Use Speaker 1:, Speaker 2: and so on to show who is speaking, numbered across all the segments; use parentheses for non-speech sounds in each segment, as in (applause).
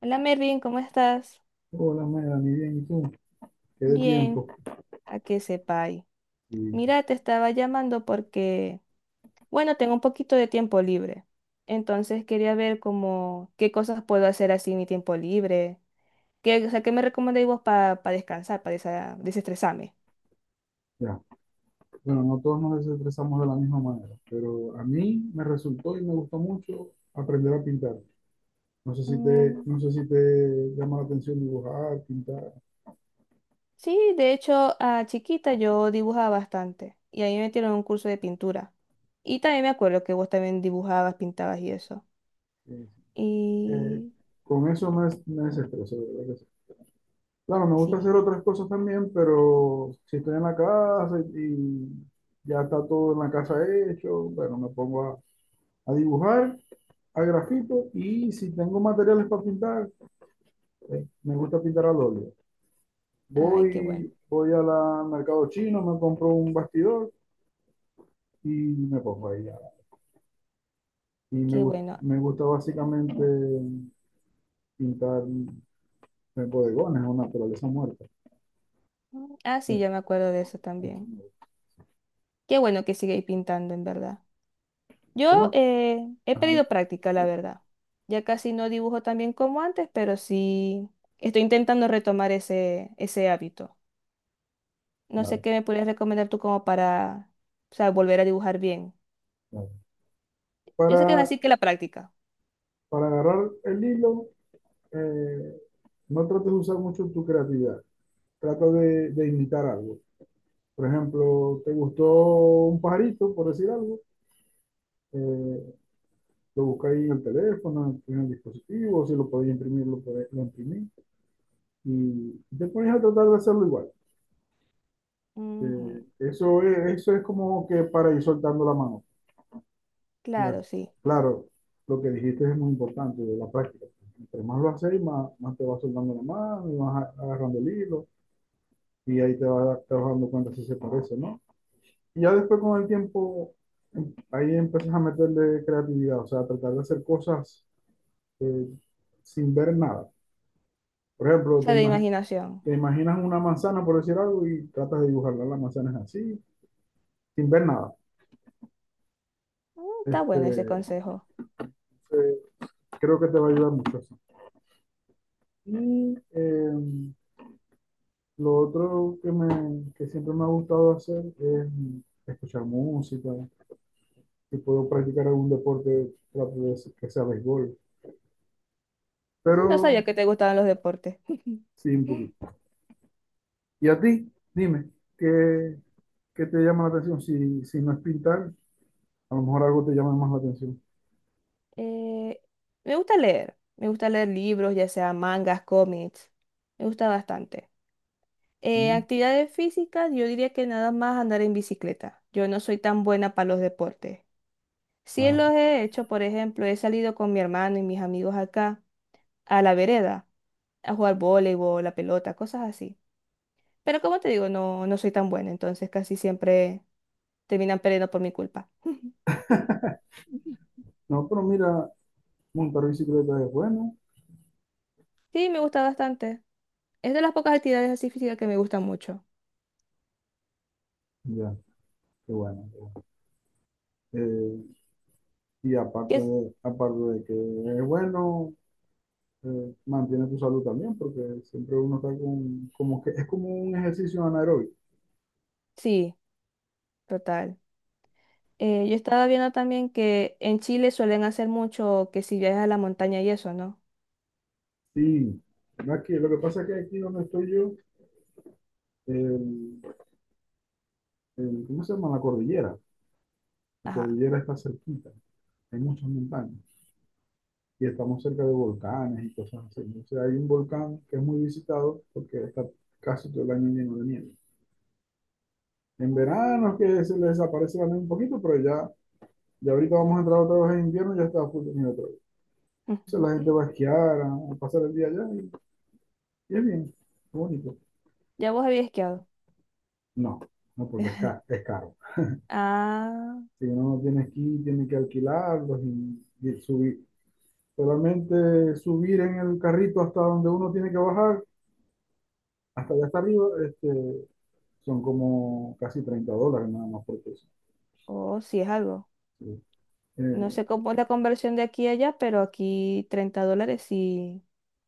Speaker 1: Hola Mervin, ¿cómo estás?
Speaker 2: Hola, Melanie, bien, ¿y tú? Qué de
Speaker 1: Bien,
Speaker 2: tiempo.
Speaker 1: a que sepáis.
Speaker 2: Y
Speaker 1: Mira, te estaba llamando porque, bueno, tengo un poquito de tiempo libre. Entonces quería ver como qué cosas puedo hacer así en mi tiempo libre. ¿Qué, o sea, qué me recomendáis vos para descansar, para desestresarme?
Speaker 2: ya, bueno, no todos nos desestresamos de la misma manera, pero a mí me resultó y me gustó mucho aprender a pintar.
Speaker 1: Mm,
Speaker 2: No sé si te llama la atención dibujar, pintar.
Speaker 1: sí, de hecho, a chiquita yo dibujaba bastante y ahí me metieron en un curso de pintura. Y también me acuerdo que vos también dibujabas, pintabas y eso.
Speaker 2: eh, eh,
Speaker 1: Y
Speaker 2: con eso me desestreso, de verdad que sí. Claro, me
Speaker 1: sí,
Speaker 2: gusta hacer otras cosas también, pero si estoy en la casa y ya está todo en la casa hecho. Bueno, a dibujar a grafito, y si tengo materiales para pintar, me gusta pintar al óleo.
Speaker 1: ay, qué bueno,
Speaker 2: Voy al mercado chino, me compro un bastidor y me pongo ahí. Y
Speaker 1: qué bueno.
Speaker 2: me gusta básicamente pintar en bodegones o naturaleza muerta.
Speaker 1: Mm, ah, sí,
Speaker 2: Eh,
Speaker 1: ya me acuerdo de eso
Speaker 2: eso
Speaker 1: también.
Speaker 2: me gusta.
Speaker 1: Qué bueno que sigáis pintando, en verdad. Yo
Speaker 2: Tengo-
Speaker 1: he
Speaker 2: ajá,
Speaker 1: pedido práctica, la verdad. Ya casi no dibujo tan bien como antes, pero sí estoy intentando retomar ese hábito. No sé
Speaker 2: claro,
Speaker 1: qué me podrías recomendar tú como para, o sea, volver a dibujar bien.
Speaker 2: claro.
Speaker 1: Yo sé que es
Speaker 2: Para,
Speaker 1: así que la práctica.
Speaker 2: para agarrar el hilo, eh, no trates de usar mucho tu creatividad. Trata de imitar algo. Por ejemplo, te gustó un pajarito, por decir algo. eh, Lo buscáis en el teléfono, en el dispositivo, si lo podéis imprimir, lo imprimís. Y te pones a tratar de hacerlo igual.
Speaker 1: Ujú,
Speaker 2: Eso es como que para ir soltando la mano. Y así.
Speaker 1: claro, sí.
Speaker 2: Claro, lo que dijiste es muy importante, de la práctica. Entre más lo haces, más te vas soltando la mano y vas agarrando el hilo. Y ahí te vas dando cuenta si se parece, ¿no? Y ya después con el tiempo, ahí empiezas a meterle creatividad, o sea, a tratar de hacer cosas eh, sin ver nada. Por
Speaker 1: O
Speaker 2: ejemplo,
Speaker 1: sea, de imaginación.
Speaker 2: te imaginas una manzana, por decir algo, y tratas de dibujarla. La manzana es así, sin ver nada.
Speaker 1: Está
Speaker 2: Este,
Speaker 1: bueno ese consejo.
Speaker 2: eh, Creo que te va a ayudar mucho eso. Y lo otro que, que siempre me ha gustado hacer es escuchar música. Si puedo practicar algún deporte, trato de hacer que sea béisbol.
Speaker 1: No
Speaker 2: Pero
Speaker 1: sabía que te gustaban los deportes.
Speaker 2: sí, un
Speaker 1: (laughs)
Speaker 2: poquito. ¿Y a ti? Dime, ¿qué, ¿qué te llama la atención? Si no es pintar, a lo mejor algo te llama más la atención.
Speaker 1: Eh, Me gusta leer, me gusta leer libros, ya sea mangas, cómics, me gusta bastante.
Speaker 2: ¿Mm?
Speaker 1: Actividades físicas, yo diría que nada más andar en bicicleta. Yo no soy tan buena para los deportes. Sí los
Speaker 2: Ajá.
Speaker 1: he hecho, por ejemplo, he salido con mi hermano y mis amigos acá a la vereda a jugar voleibol, la pelota, cosas así. Pero como te digo, no, no soy tan buena, entonces casi siempre terminan perdiendo por mi culpa. (laughs)
Speaker 2: No, pero mira, montar bicicleta es bueno.
Speaker 1: Sí, me gusta bastante. Es de las pocas actividades así físicas que me gustan mucho.
Speaker 2: Ya, qué bueno. Eh,
Speaker 1: Que es-
Speaker 2: Aparte de que es bueno, mantiene tu salud también, porque siempre uno está con, como que es como un ejercicio anaeróbico.
Speaker 1: Sí, total. Yo estaba viendo también que en Chile suelen hacer mucho que si viajas a la montaña y eso, ¿no?
Speaker 2: Sí, aquí, lo que pasa es que aquí donde estoy yo, el- ¿cómo se llama? La cordillera. La
Speaker 1: Ajá.
Speaker 2: cordillera está cerquita, hay muchas montañas. Y estamos cerca de volcanes y cosas así. O hay un volcán que es muy visitado porque está casi todo el año lleno de nieve. En
Speaker 1: Mm.
Speaker 2: verano es que se les desaparece la nieve un poquito, pero ya, ya ahorita vamos a entrar otra vez en invierno y ya está full de nieve otra vez. Entonces la
Speaker 1: (laughs)
Speaker 2: gente va a esquiar, a pasar el día allá y es bien, es bonito.
Speaker 1: Ya vos habías esquiado.
Speaker 2: No, no, porque
Speaker 1: (laughs)
Speaker 2: es caro.
Speaker 1: Ah,
Speaker 2: Si uno no tiene esquí, tiene que alquilarlos y subir. Solamente subir en el carrito hasta donde uno tiene que bajar, hasta allá hasta arriba, son como casi 30 dólares nada más por eso.
Speaker 1: oh, sí es algo.
Speaker 2: Sí.
Speaker 1: No
Speaker 2: Eh,
Speaker 1: sé cómo es la conversión de aquí a allá, pero aquí $30 sí.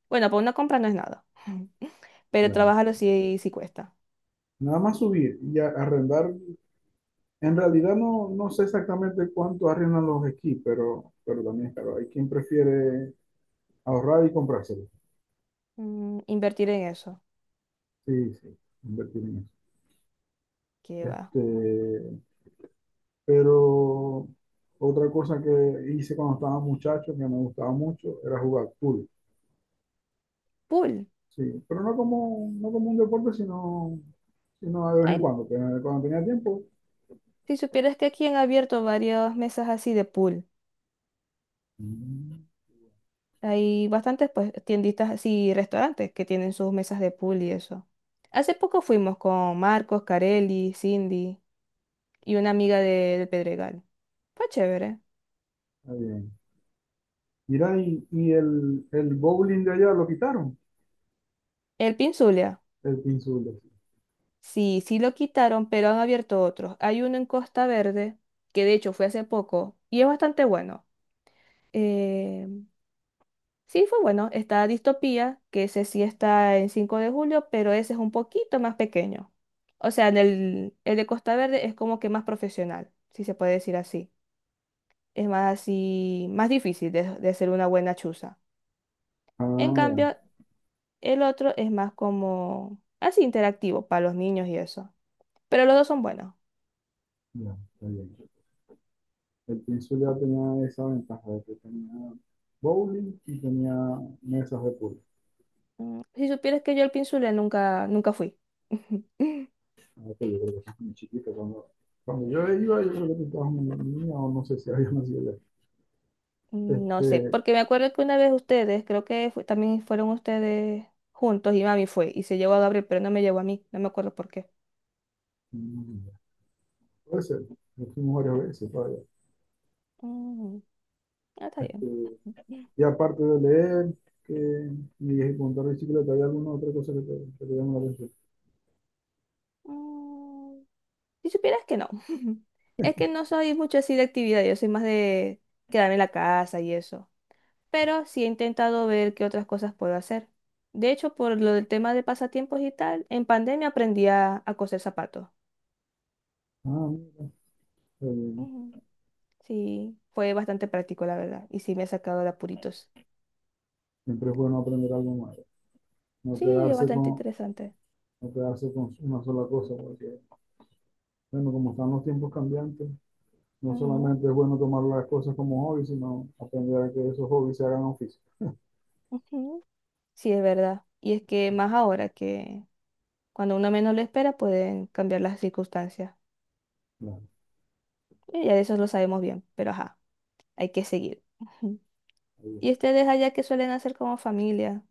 Speaker 1: Bueno, para una compra no es nada. (laughs) Pero
Speaker 2: claro.
Speaker 1: trabajarlo sí, sí cuesta.
Speaker 2: Nada más subir y arrendar. En realidad no, no sé exactamente cuánto arriesgan los esquís, pero también claro, hay quien prefiere ahorrar y comprárselo.
Speaker 1: Mm, invertir en eso.
Speaker 2: Sí, sí, invertir en eso.
Speaker 1: Que va.
Speaker 2: Este, pero otra cosa que hice cuando estaba muchacho, que me gustaba mucho, era jugar pool.
Speaker 1: Pool.
Speaker 2: Sí, pero no como, no como un deporte, sino de vez en
Speaker 1: Ay,
Speaker 2: cuando, pero cuando tenía tiempo.
Speaker 1: si supieras que aquí han abierto varias mesas así de pool.
Speaker 2: Mm,
Speaker 1: Hay bastantes pues tienditas así, restaurantes que tienen sus mesas de pool y eso. Hace poco fuimos con Marcos, Carelli, Cindy y una amiga del Pedregal. Fue chévere.
Speaker 2: está bien. Mira, el bowling de allá lo quitaron,
Speaker 1: El Pinzulia.
Speaker 2: el pinzul.
Speaker 1: Sí, sí lo quitaron, pero han abierto otros. Hay uno en Costa Verde, que de hecho fue hace poco, y es bastante bueno. Eh, sí, fue bueno. Está Distopía, que ese sí está en 5 de julio, pero ese es un poquito más pequeño. O sea, en el de Costa Verde es como que más profesional, si se puede decir así. Es más así, más difícil de hacer una buena chuza.
Speaker 2: Ah,
Speaker 1: En
Speaker 2: ya,
Speaker 1: cambio, el otro es más como así interactivo para los niños y eso. Pero los dos son buenos.
Speaker 2: ya, está bien. El Península ya tenía esa ventaja de que tenía bowling y tenía mesas de pool.
Speaker 1: Si supieras que yo al Pinzulé nunca, nunca fui. (laughs)
Speaker 2: Ahora que yo creo que eso es muy chiquito. Cuando yo iba, yo creo que estaba una niña o no sé si había nacido ya.
Speaker 1: No sé,
Speaker 2: Este,
Speaker 1: porque me acuerdo que una vez ustedes, creo que también fueron ustedes juntos y mami fue y se llevó a Gabriel, pero no me llevó a mí, no me acuerdo por qué.
Speaker 2: mm, puede ser. Yo fuimos varias veces todavía.
Speaker 1: Mm, ah, está
Speaker 2: Este,
Speaker 1: bien.
Speaker 2: y aparte de leer, que ni y contar de bicicleta, ¿hay alguna otra cosa que te llama la atención?
Speaker 1: Mm, si supieras que no, (laughs) es que no soy mucho así de actividad, yo soy más de quedarme en la casa y eso, pero sí he intentado ver qué otras cosas puedo hacer. De hecho, por lo del tema de pasatiempos y tal, en pandemia aprendí a coser zapatos.
Speaker 2: Ah, mira. eh,
Speaker 1: Sí, fue bastante práctico, la verdad. Y sí me ha sacado de apuritos.
Speaker 2: Siempre es bueno aprender algo más. No
Speaker 1: Sí, es
Speaker 2: quedarse
Speaker 1: bastante
Speaker 2: con,
Speaker 1: interesante.
Speaker 2: no quedarse con una sola cosa, porque, bueno, como están los tiempos cambiantes, no
Speaker 1: Ujú,
Speaker 2: solamente es bueno tomar las cosas como hobby, sino aprender a que esos hobbies se hagan oficio.
Speaker 1: ujú. Sí, es verdad. Y es que más ahora que cuando uno menos lo espera pueden cambiar las circunstancias.
Speaker 2: Claro,
Speaker 1: Y ya de eso lo sabemos bien, pero ajá, hay que seguir. Ujú.
Speaker 2: ahí
Speaker 1: ¿Y
Speaker 2: es.
Speaker 1: ustedes allá que suelen hacer como familia?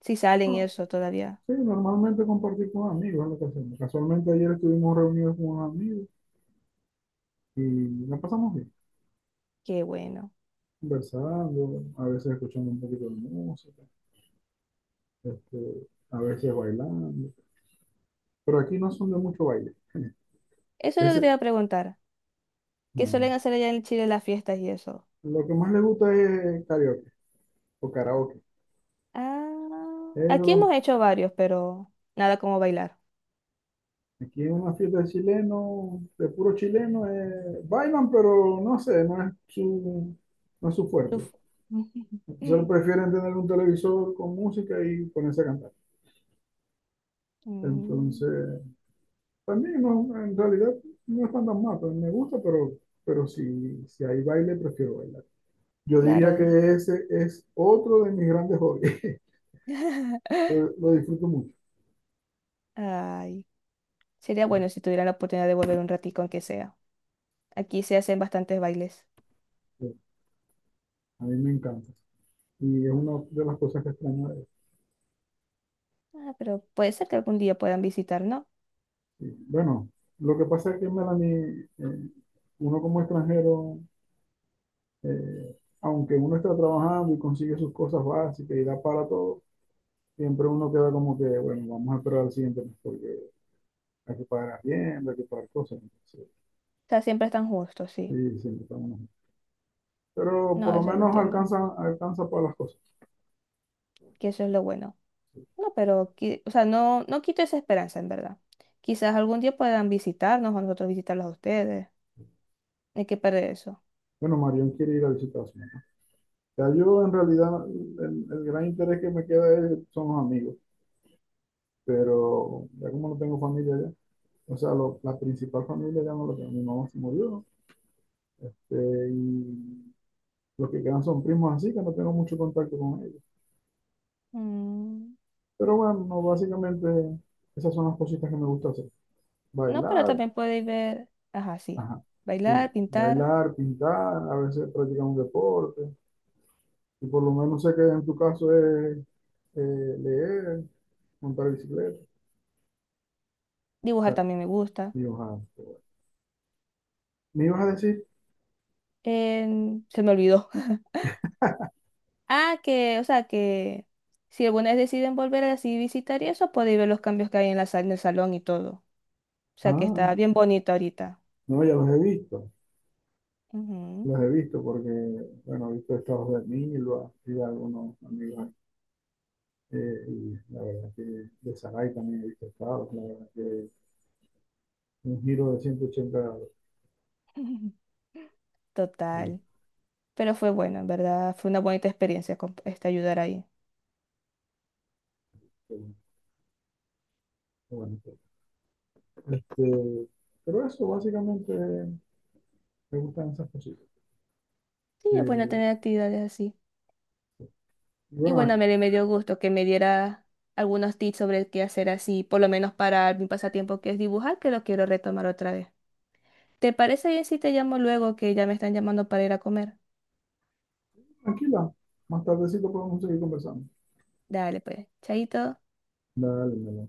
Speaker 1: Si salen y
Speaker 2: No,
Speaker 1: eso todavía.
Speaker 2: sí, normalmente compartir con amigos es lo que hacemos. Casualmente ayer estuvimos reunidos con unos amigos y la pasamos bien,
Speaker 1: Qué bueno.
Speaker 2: conversando, a veces escuchando un poquito de música, a veces bailando. Pero aquí no son de mucho baile.
Speaker 1: Eso es lo que te
Speaker 2: Ese,
Speaker 1: iba a preguntar. ¿Qué
Speaker 2: no.
Speaker 1: suelen hacer allá en Chile en las fiestas y eso?
Speaker 2: Lo que más le gusta es karaoke o karaoke.
Speaker 1: Ah,
Speaker 2: Eso es
Speaker 1: aquí
Speaker 2: lo
Speaker 1: hemos hecho varios, pero nada como bailar.
Speaker 2: Aquí en una fiesta de chileno, de puro chileno, bailan, pero no sé, no es su fuerte.
Speaker 1: Uf. (laughs)
Speaker 2: Entonces prefieren tener un televisor con música y ponerse a cantar.
Speaker 1: Mm,
Speaker 2: Entonces, también no, en realidad no están tan mal, pero me gusta, pero si, si hay baile, prefiero bailar. Yo diría que
Speaker 1: claro.
Speaker 2: ese es otro de mis grandes hobbies. (laughs)
Speaker 1: (laughs)
Speaker 2: Lo disfruto mucho.
Speaker 1: Ay, sería bueno si tuviera la oportunidad de volver un ratico, aunque sea. Aquí se hacen bastantes bailes.
Speaker 2: A mí me encanta. Y es una de las cosas que extraño.
Speaker 1: Ah, pero puede ser que algún día puedan visitar, ¿no? O
Speaker 2: Bueno, lo que pasa es que Melanie, uno como extranjero, eh, aunque uno está trabajando y consigue sus cosas básicas y da para todo, siempre uno queda como que, bueno, vamos a esperar al siguiente mes porque hay que pagar bien, hay que pagar cosas. Entonces,
Speaker 1: sea, siempre están justos,
Speaker 2: sí,
Speaker 1: sí.
Speaker 2: siempre está uno. Pero por
Speaker 1: No,
Speaker 2: lo
Speaker 1: eso lo
Speaker 2: menos
Speaker 1: entiendo.
Speaker 2: alcanza, alcanza para las cosas.
Speaker 1: Que eso es lo bueno. No, pero, qui- o sea, no, no quito esa esperanza, en verdad. Quizás algún día puedan visitarnos o nosotros visitarlos a ustedes. Hay que perder eso.
Speaker 2: Bueno, Marión quiere ir a visitar a su mamá. Ya yo en realidad el gran interés que me queda son los amigos, pero ya como no tengo familia allá. O sea, la principal familia ya no lo tengo. Mi mamá se murió. Y los que quedan son primos así, que no tengo mucho contacto con ellos.
Speaker 1: Mm,
Speaker 2: Pero bueno, no, básicamente esas son las cositas que me gusta hacer.
Speaker 1: no, pero
Speaker 2: Bailar,
Speaker 1: también podéis ver. Ajá, sí.
Speaker 2: ajá, sí.
Speaker 1: Bailar, pintar.
Speaker 2: Bailar, pintar, a veces practicar un deporte. Y por lo menos sé que en tu caso es leer, montar bicicleta.
Speaker 1: Dibujar
Speaker 2: Ah,
Speaker 1: también me gusta.
Speaker 2: y ojalá. Me ibas a decir,
Speaker 1: Se me olvidó. (laughs) Ah, que, o sea, que si alguna vez deciden volver así visitar y eso, podéis ver los cambios que hay en la sala, en el salón y todo. O sea, que
Speaker 2: ah,
Speaker 1: está bien bonito ahorita.
Speaker 2: no, ya los he visto.
Speaker 1: Ujú.
Speaker 2: Los he visto porque, bueno, he visto estados de Milva y de algunos amigos ahí. Y la verdad que de Saray también he visto estados. La verdad que un giro de 180 grados.
Speaker 1: (laughs)
Speaker 2: y,
Speaker 1: Total. Pero fue bueno, en verdad. Fue una bonita experiencia con este ayudar ahí.
Speaker 2: eh, bueno, este, pero eso, básicamente, me gustan esas cositas.
Speaker 1: Sí, es bueno
Speaker 2: Eh,
Speaker 1: tener actividades así.
Speaker 2: y
Speaker 1: Y
Speaker 2: bueno,
Speaker 1: bueno,
Speaker 2: aquí,
Speaker 1: me dio gusto que me diera algunos tips sobre qué hacer así, por lo menos para mi pasatiempo que es dibujar, que lo quiero retomar otra vez. ¿Te parece bien si te llamo luego que ya me están llamando para ir a comer?
Speaker 2: Tranquila. Más tardecito podemos seguir conversando.
Speaker 1: Dale, pues, chaito.
Speaker 2: Dale, dale.